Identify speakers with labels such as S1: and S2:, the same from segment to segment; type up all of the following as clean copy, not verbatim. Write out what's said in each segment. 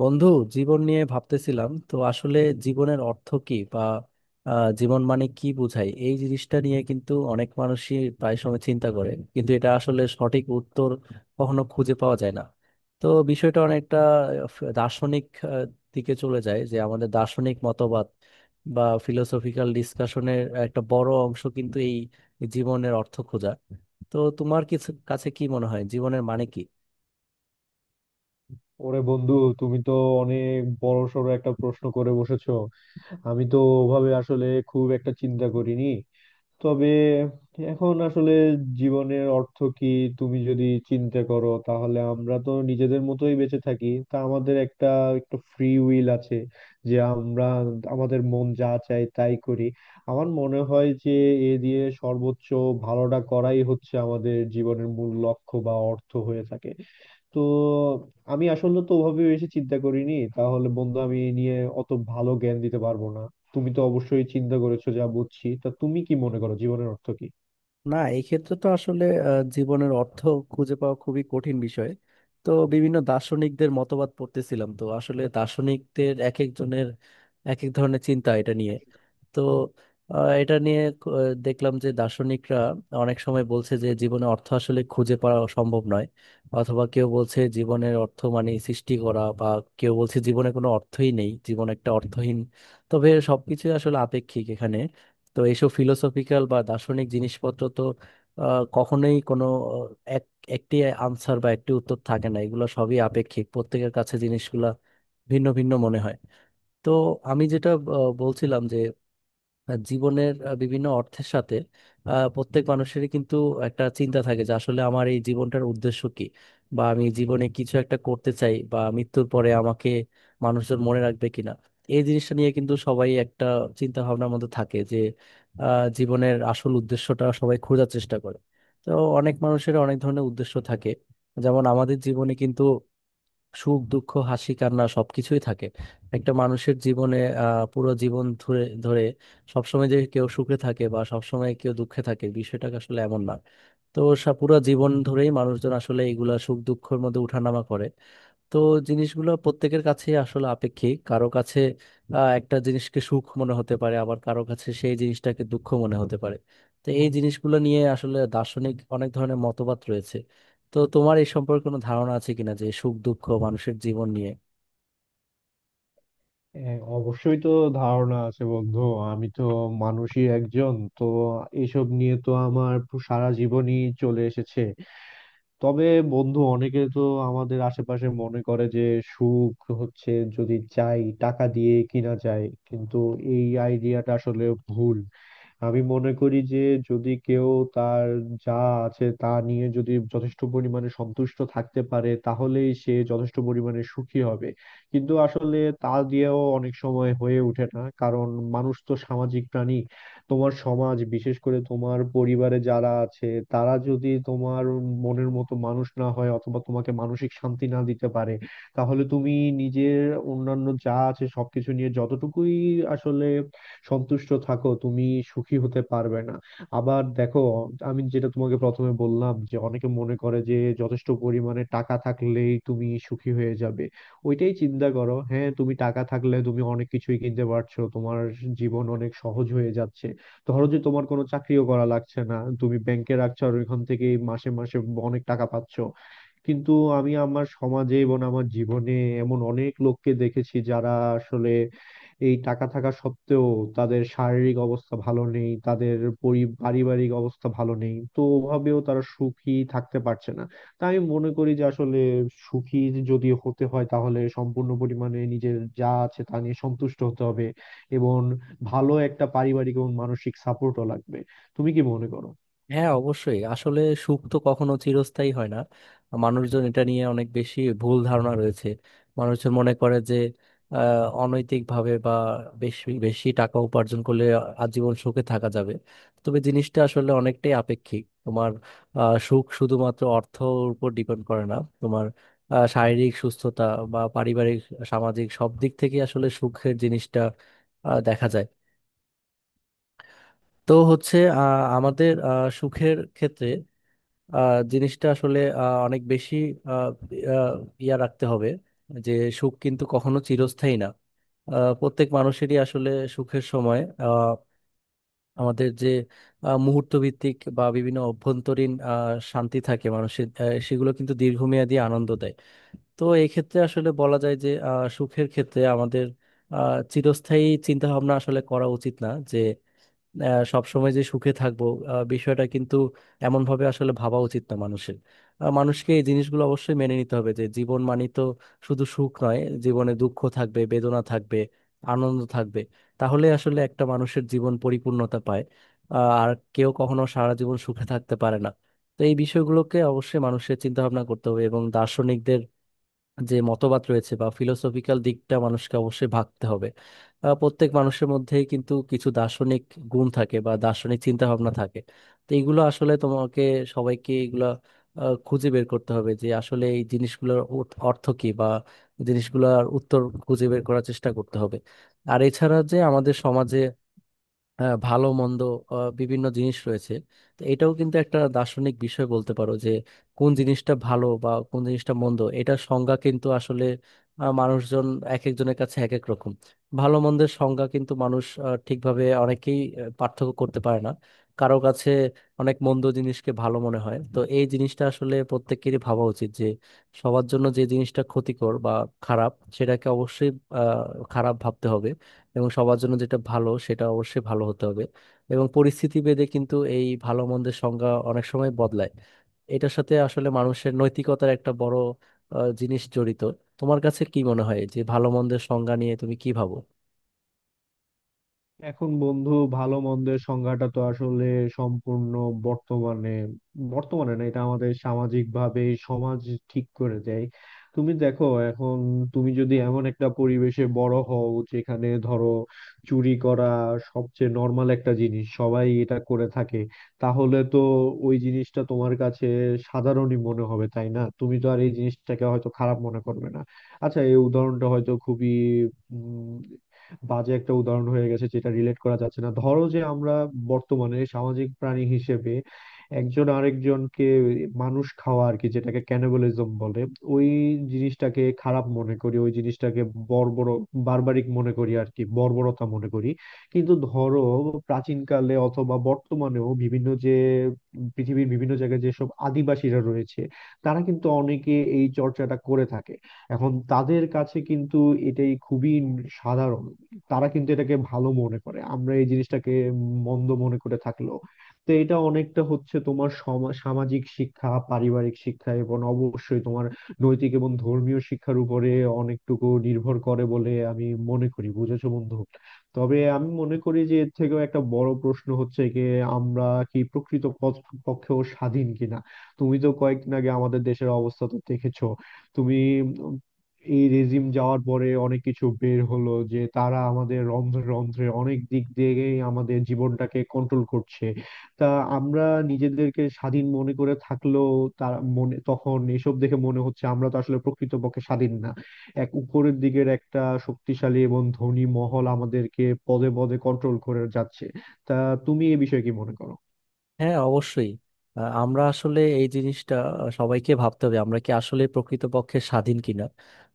S1: বন্ধু, জীবন নিয়ে ভাবতেছিলাম তো আসলে জীবনের অর্থ কি বা জীবন মানে কি বোঝায়, এই জিনিসটা নিয়ে কিন্তু অনেক মানুষই প্রায় সময় চিন্তা করে, কিন্তু এটা আসলে সঠিক উত্তর কখনো খুঁজে পাওয়া যায় না। তো বিষয়টা অনেকটা দার্শনিক আহ, দিকে চলে যায়, যে আমাদের দার্শনিক মতবাদ বা ফিলোসফিক্যাল ডিসকাশনের একটা বড় অংশ কিন্তু এই জীবনের অর্থ খোঁজা। তো তোমার কিছু কাছে কি মনে হয় জীবনের মানে কি?
S2: ওরে বন্ধু, তুমি তো অনেক বড় সড় একটা প্রশ্ন করে বসেছো। আমি তো ওভাবে আসলে খুব একটা চিন্তা করিনি, তবে এখন আসলে জীবনের অর্থ কি তুমি যদি চিন্তা করো, তাহলে আমরা তো নিজেদের মতোই বেঁচে থাকি। তা আমাদের একটা একটা ফ্রি উইল আছে যে আমরা আমাদের মন যা চায় তাই করি। আমার মনে হয় যে এ দিয়ে সর্বোচ্চ ভালোটা করাই হচ্ছে আমাদের জীবনের মূল লক্ষ্য বা অর্থ হয়ে থাকে। তো আমি আসলে তো ওভাবে বেশি চিন্তা করিনি, তাহলে বন্ধু আমি এই নিয়ে অত ভালো জ্ঞান দিতে পারবো না। তুমি তো অবশ্যই চিন্তা করেছো যা বুঝছি, তা তুমি কি মনে করো জীবনের অর্থ কি?
S1: না, এই ক্ষেত্রে তো আসলে জীবনের অর্থ খুঁজে পাওয়া খুবই কঠিন বিষয়। তো বিভিন্ন দার্শনিকদের মতবাদ পড়তেছিলাম তো আসলে দার্শনিকদের এক একজনের এক এক ধরনের চিন্তা এটা নিয়ে। তো এটা নিয়ে দেখলাম যে দার্শনিকরা অনেক সময় বলছে যে জীবনে অর্থ আসলে খুঁজে পাওয়া সম্ভব নয়, অথবা কেউ বলছে জীবনের অর্থ মানে সৃষ্টি করা, বা কেউ বলছে জীবনে কোনো অর্থই নেই, জীবন একটা অর্থহীন। তবে সবকিছু আসলে আপেক্ষিক এখানে। তো এইসব ফিলোসফিক্যাল বা দার্শনিক জিনিসপত্র তো কখনোই কোনো আহ, এক একটি আনসার বা একটি উত্তর থাকে না, এগুলো সবই আপেক্ষিক, প্রত্যেকের কাছে জিনিসগুলা ভিন্ন ভিন্ন মনে হয়। তো আমি যেটা বলছিলাম যে জীবনের বিভিন্ন অর্থের সাথে প্রত্যেক মানুষেরই কিন্তু একটা চিন্তা থাকে যে আসলে আমার এই জীবনটার উদ্দেশ্য কি, বা আমি জীবনে কিছু একটা করতে চাই, বা মৃত্যুর পরে আমাকে মানুষজন মনে রাখবে কিনা। এই জিনিসটা নিয়ে কিন্তু সবাই একটা চিন্তা ভাবনার মধ্যে থাকে যে জীবনের আসল উদ্দেশ্যটা সবাই খোঁজার চেষ্টা করে। তো অনেক মানুষের অনেক ধরনের উদ্দেশ্য থাকে। যেমন আমাদের জীবনে কিন্তু সুখ দুঃখ হাসি কান্না সবকিছুই থাকে একটা মানুষের জীবনে। পুরো জীবন ধরে ধরে সবসময় যে কেউ সুখে থাকে বা সবসময় কেউ দুঃখে থাকে, বিষয়টা আসলে এমন না। তো পুরো জীবন ধরেই মানুষজন আসলে এগুলা সুখ দুঃখের মধ্যে উঠানামা করে। তো জিনিসগুলো প্রত্যেকের কাছে আসলে আপেক্ষিক, কারো কাছে একটা জিনিসকে সুখ মনে হতে পারে, আবার কারো কাছে সেই জিনিসটাকে দুঃখ মনে হতে পারে। তো এই জিনিসগুলো নিয়ে আসলে দার্শনিক অনেক ধরনের মতবাদ রয়েছে। তো তোমার এই সম্পর্কে কোনো ধারণা আছে কিনা যে সুখ দুঃখ মানুষের জীবন নিয়ে?
S2: হ্যাঁ, অবশ্যই তো ধারণা আছে বন্ধু। আমি তো মানুষই একজন, তো এসব নিয়ে তো আমার সারা জীবনই চলে এসেছে। তবে বন্ধু, অনেকে তো আমাদের আশেপাশে মনে করে যে সুখ হচ্ছে যদি চাই টাকা দিয়ে কিনা যায়, কিন্তু এই আইডিয়াটা আসলে ভুল। আমি মনে করি যে যদি কেউ তার যা আছে তা নিয়ে যদি যথেষ্ট পরিমাণে সন্তুষ্ট থাকতে পারে, তাহলেই সে যথেষ্ট পরিমাণে সুখী হবে। কিন্তু আসলে তা দিয়েও অনেক সময় হয়ে ওঠে না, কারণ মানুষ তো সামাজিক প্রাণী। তোমার সমাজ, বিশেষ করে তোমার পরিবারে যারা আছে, তারা যদি তোমার মনের মতো মানুষ না হয় অথবা তোমাকে মানসিক শান্তি না দিতে পারে, তাহলে তুমি নিজের অন্যান্য যা আছে সবকিছু নিয়ে যতটুকুই আসলে সন্তুষ্ট থাকো, তুমি সুখী হতে পারবে না। আবার দেখো, আমি যেটা তোমাকে প্রথমে বললাম যে অনেকে মনে করে যে যথেষ্ট পরিমাণে টাকা থাকলেই তুমি সুখী হয়ে যাবে। ওইটাই চিন্তা করো, হ্যাঁ তুমি টাকা থাকলে তুমি অনেক কিছুই কিনতে পারছো, তোমার জীবন অনেক সহজ হয়ে যাচ্ছে। ধরো যে তোমার কোনো চাকরিও করা লাগছে না, তুমি ব্যাংকে রাখছো আর ওইখান থেকে মাসে মাসে অনেক টাকা পাচ্ছো। কিন্তু আমি আমার সমাজে এবং আমার জীবনে এমন অনেক লোককে দেখেছি যারা আসলে এই টাকা থাকা সত্ত্বেও তাদের শারীরিক অবস্থা ভালো নেই, তাদের পারিবারিক অবস্থা ভালো নেই, তো ওভাবেও তারা সুখী থাকতে পারছে না। তাই আমি মনে করি যে আসলে সুখী যদি হতে হয়, তাহলে সম্পূর্ণ পরিমাণে নিজের যা আছে তা নিয়ে সন্তুষ্ট হতে হবে এবং ভালো একটা পারিবারিক এবং মানসিক সাপোর্টও লাগবে। তুমি কি মনে করো?
S1: হ্যাঁ, অবশ্যই আসলে সুখ তো কখনো চিরস্থায়ী হয় না। মানুষজন এটা নিয়ে অনেক বেশি ভুল ধারণা রয়েছে। মানুষজন মনে করে যে অনৈতিক ভাবে বা বেশি বেশি টাকা উপার্জন করলে আজীবন সুখে থাকা যাবে। তবে জিনিসটা আসলে অনেকটাই আপেক্ষিক, তোমার সুখ শুধুমাত্র অর্থর উপর ডিপেন্ড করে না। তোমার শারীরিক সুস্থতা বা পারিবারিক সামাজিক সব দিক থেকে আসলে সুখের জিনিসটা দেখা যায়। তো হচ্ছে আমাদের সুখের ক্ষেত্রে জিনিসটা আসলে অনেক বেশি আহ, আহ, ইয়া রাখতে হবে যে সুখ কিন্তু কখনো চিরস্থায়ী না। প্রত্যেক মানুষেরই আসলে সুখের সময় আহ, আমাদের যে মুহূর্ত ভিত্তিক বা বিভিন্ন অভ্যন্তরীণ শান্তি থাকে মানুষের, সেগুলো কিন্তু দীর্ঘমেয়াদী আনন্দ দেয়। তো এই ক্ষেত্রে আসলে বলা যায় যে সুখের ক্ষেত্রে আমাদের চিরস্থায়ী চিন্তা ভাবনা আসলে করা উচিত না, যে সবসময় যে সুখে থাকবো বিষয়টা কিন্তু এমন ভাবে আসলে ভাবা উচিত না মানুষের। মানুষকে এই জিনিসগুলো অবশ্যই মেনে নিতে হবে যে জীবন মানে তো শুধু সুখ নয়, জীবনে দুঃখ থাকবে, বেদনা থাকবে, আনন্দ থাকবে, তাহলে আসলে একটা মানুষের জীবন পরিপূর্ণতা পায়। আর কেউ কখনো সারা জীবন সুখে থাকতে পারে না। তো এই বিষয়গুলোকে অবশ্যই মানুষের চিন্তা ভাবনা করতে হবে, এবং দার্শনিকদের যে মতবাদ রয়েছে বা ফিলোসফিক্যাল দিকটা মানুষকে অবশ্যই ভাবতে হবে। প্রত্যেক মানুষের মধ্যে কিন্তু কিছু দার্শনিক গুণ থাকে বা দার্শনিক চিন্তা ভাবনা থাকে। তো এইগুলো আসলে তোমাকে সবাইকে এগুলা খুঁজে বের করতে হবে যে আসলে এই জিনিসগুলোর অর্থ অর্থ কী, বা জিনিসগুলোর উত্তর খুঁজে বের করার চেষ্টা করতে হবে। আর এছাড়া যে আমাদের সমাজে ভালো মন্দ বিভিন্ন জিনিস রয়েছে। তো এটাও কিন্তু একটা দার্শনিক বিষয় বলতে পারো যে কোন জিনিসটা ভালো বা কোন জিনিসটা মন্দ, এটা সংজ্ঞা কিন্তু আসলে মানুষজন এক একজনের কাছে এক এক রকম। ভালো মন্দের সংজ্ঞা কিন্তু মানুষ ঠিকভাবে অনেকেই পার্থক্য করতে পারে না। কারো কাছে অনেক মন্দ জিনিসকে ভালো মনে হয়, তো এই জিনিসটা আসলে প্রত্যেকেরই ভাবা উচিত যে সবার জন্য যে জিনিসটা ক্ষতিকর বা খারাপ, সেটাকে অবশ্যই খারাপ ভাবতে হবে, এবং সবার জন্য যেটা ভালো সেটা অবশ্যই ভালো হতে হবে। এবং পরিস্থিতি ভেদে কিন্তু এই ভালো মন্দের সংজ্ঞা অনেক সময় বদলায়। এটার সাথে আসলে মানুষের নৈতিকতার একটা বড় জিনিস জড়িত। তোমার কাছে কি মনে হয় যে ভালো মন্দের সংজ্ঞা নিয়ে তুমি কি ভাবো?
S2: এখন বন্ধু, ভালো মন্দের সংজ্ঞাটা তো আসলে সম্পূর্ণ বর্তমানে বর্তমানে না এটা আমাদের সামাজিক ভাবে সমাজ ঠিক করে দেয়। তুমি দেখো এখন, তুমি যদি এমন একটা পরিবেশে বড় হও যেখানে ধরো চুরি করা সবচেয়ে নর্মাল একটা জিনিস, সবাই এটা করে থাকে, তাহলে তো ওই জিনিসটা তোমার কাছে সাধারণই মনে হবে, তাই না? তুমি তো আর এই জিনিসটাকে হয়তো খারাপ মনে করবে না। আচ্ছা, এই উদাহরণটা হয়তো খুবই বাজে একটা উদাহরণ হয়ে গেছে যেটা রিলেট করা যাচ্ছে না। ধরো যে আমরা বর্তমানে সামাজিক প্রাণী হিসেবে একজন আরেকজনকে মানুষ খাওয়া আর কি, যেটাকে ক্যানিবালিজম বলে, ওই জিনিসটাকে খারাপ মনে করি, ওই জিনিসটাকে বর্বর বারবারিক মনে করি আর কি, বর্বরতা মনে করি। কিন্তু ধরো প্রাচীনকালে অথবা বর্তমানেও বিভিন্ন যে পৃথিবীর বিভিন্ন জায়গায় যেসব আদিবাসীরা রয়েছে তারা কিন্তু অনেকে এই চর্চাটা করে থাকে। এখন তাদের কাছে কিন্তু এটাই খুবই সাধারণ, তারা কিন্তু এটাকে ভালো মনে করে, আমরা এই জিনিসটাকে মন্দ মনে করে থাকলেও। তো এটা অনেকটা হচ্ছে তোমার সামাজিক শিক্ষা, পারিবারিক শিক্ষা এবং অবশ্যই তোমার নৈতিক এবং ধর্মীয় শিক্ষার উপরে অনেকটুকু নির্ভর করে বলে আমি মনে করি, বুঝেছো বন্ধু। তবে আমি মনে করি যে এর থেকেও একটা বড় প্রশ্ন হচ্ছে যে আমরা কি প্রকৃত পক্ষেও স্বাধীন কিনা। তুমি তো কয়েকদিন আগে আমাদের দেশের অবস্থা তো দেখেছো। তুমি, এই রেজিম যাওয়ার পরে অনেক কিছু বের হলো যে তারা আমাদের রন্ধ্রে রন্ধ্রে অনেক দিক দিয়েই আমাদের জীবনটাকে কন্ট্রোল করছে। তা আমরা নিজেদেরকে স্বাধীন মনে করে থাকলেও, তার মনে তখন এসব দেখে মনে হচ্ছে আমরা তো আসলে প্রকৃতপক্ষে স্বাধীন না। এক উপরের দিকের একটা শক্তিশালী এবং ধনী মহল আমাদেরকে পদে পদে কন্ট্রোল করে যাচ্ছে। তা তুমি এ বিষয়ে কি মনে করো?
S1: হ্যাঁ, অবশ্যই আমরা আসলে এই জিনিসটা সবাইকে ভাবতে হবে আমরা কি আসলে প্রকৃতপক্ষে স্বাধীন কিনা।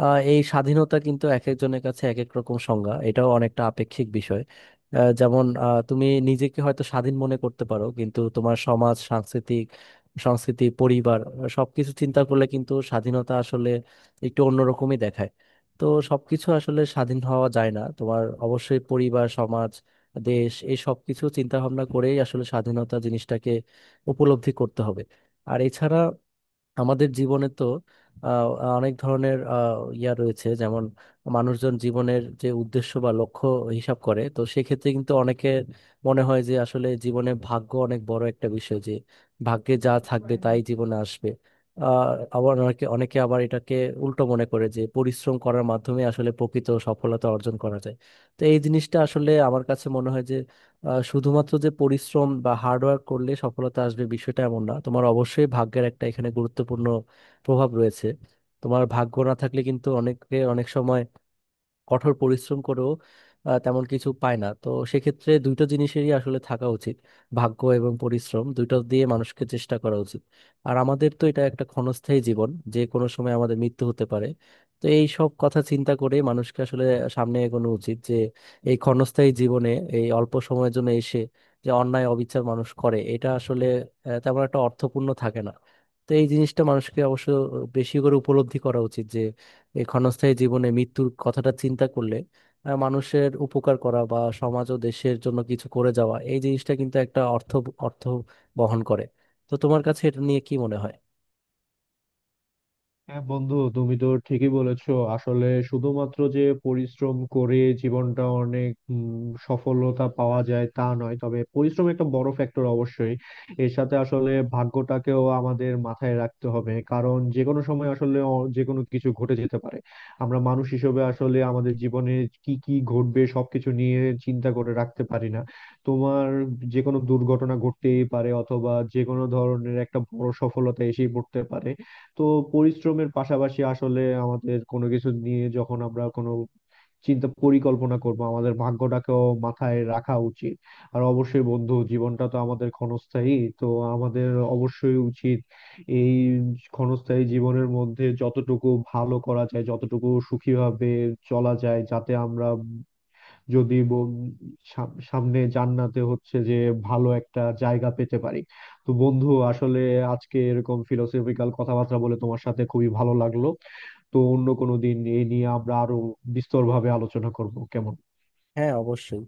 S1: আহ, এই স্বাধীনতা কিন্তু এক একজনের কাছে এক এক রকম সংজ্ঞা, এটাও অনেকটা আপেক্ষিক বিষয়। যেমন তুমি নিজেকে হয়তো স্বাধীন মনে করতে পারো, কিন্তু তোমার সমাজ সাংস্কৃতিক সংস্কৃতি পরিবার সবকিছু চিন্তা করলে কিন্তু স্বাধীনতা আসলে একটু অন্যরকমই দেখায়। তো সবকিছু আসলে স্বাধীন হওয়া যায় না, তোমার অবশ্যই পরিবার সমাজ দেশ এই সবকিছু চিন্তা ভাবনা করেই আসলে স্বাধীনতা জিনিসটাকে উপলব্ধি করতে হবে। আর এছাড়া আমাদের জীবনে তো আহ, অনেক ধরনের ইয়া রয়েছে, যেমন মানুষজন জীবনের যে উদ্দেশ্য বা লক্ষ্য হিসাব করে, তো সেক্ষেত্রে কিন্তু অনেকে মনে হয় যে আসলে জীবনে ভাগ্য অনেক বড় একটা বিষয়, যে ভাগ্যে যা থাকবে তাই জীবনে আসবে। আহ আবার অনেকে অনেকে আবার এটাকে উল্টো মনে করে যে পরিশ্রম করার মাধ্যমে আসলে প্রকৃত সফলতা অর্জন করা যায়। তো এই জিনিসটা আসলে আমার কাছে মনে হয় যে শুধুমাত্র যে পরিশ্রম বা হার্ডওয়ার্ক করলে সফলতা আসবে, বিষয়টা এমন না, তোমার অবশ্যই ভাগ্যের একটা এখানে গুরুত্বপূর্ণ প্রভাব রয়েছে। তোমার ভাগ্য না থাকলে কিন্তু অনেকে অনেক সময় কঠোর পরিশ্রম করেও তেমন কিছু পায় না, তো সেক্ষেত্রে দুটো জিনিসেরই আসলে থাকা উচিত, ভাগ্য এবং পরিশ্রম দুটো দিয়ে মানুষকে চেষ্টা করা উচিত। আর আমাদের তো এটা একটা ক্ষণস্থায়ী জীবন, যে কোনো সময় আমাদের মৃত্যু হতে পারে। তো এই সব কথা চিন্তা করে মানুষকে আসলে সামনে এগোনো উচিত, যে এই ক্ষণস্থায়ী জীবনে এই অল্প সময়ের জন্য এসে যে অন্যায় অবিচার মানুষ করে, এটা আসলে তেমন একটা অর্থপূর্ণ থাকে না। তো এই জিনিসটা মানুষকে অবশ্য বেশি করে উপলব্ধি করা উচিত। এই ক্ষণস্থায়ী জীবনে মৃত্যুর কথাটা চিন্তা করলে মানুষের উপকার করা বা সমাজ ও দেশের জন্য কিছু করে যাওয়া, এই জিনিসটা কিন্তু একটা অর্থ অর্থ বহন করে। তো তোমার কাছে এটা নিয়ে কি মনে হয়?
S2: হ্যাঁ বন্ধু, তুমি তো ঠিকই বলেছো। আসলে শুধুমাত্র যে পরিশ্রম করে জীবনটা অনেক সফলতা পাওয়া যায় তা নয়, তবে পরিশ্রম একটা বড় ফ্যাক্টর অবশ্যই। এর সাথে আসলে ভাগ্যটাকেও আমাদের মাথায় রাখতে হবে, কারণ যে কোনো সময় আসলে যে কোনো কিছু ঘটে যেতে পারে। আমরা মানুষ হিসেবে আসলে আমাদের জীবনে কি কি ঘটবে সবকিছু নিয়ে চিন্তা করে রাখতে পারি না। তোমার যে কোনো দুর্ঘটনা ঘটতেই পারে অথবা যে কোনো ধরনের একটা বড় সফলতা এসেই পড়তে পারে। তো পরিশ্রমের পাশাপাশি আসলে আমাদের কোনো কিছু নিয়ে যখন আমরা কোনো চিন্তা পরিকল্পনা করব, আমাদের ভাগ্যটাকেও মাথায় রাখা উচিত। আর অবশ্যই বন্ধু, জীবনটা তো আমাদের ক্ষণস্থায়ী, তো আমাদের অবশ্যই উচিত এই ক্ষণস্থায়ী জীবনের মধ্যে যতটুকু ভালো করা যায়, যতটুকু সুখীভাবে চলা যায়, যাতে আমরা যদি সামনে জান্নাতে হচ্ছে যে ভালো একটা জায়গা পেতে পারি। তো বন্ধু আসলে আজকে এরকম ফিলোসফিক্যাল কথাবার্তা বলে তোমার সাথে খুবই ভালো লাগলো। তো অন্য কোনো দিন এই নিয়ে আমরা আরো বিস্তর ভাবে আলোচনা করব, কেমন?
S1: হ্যাঁ, অবশ্যই।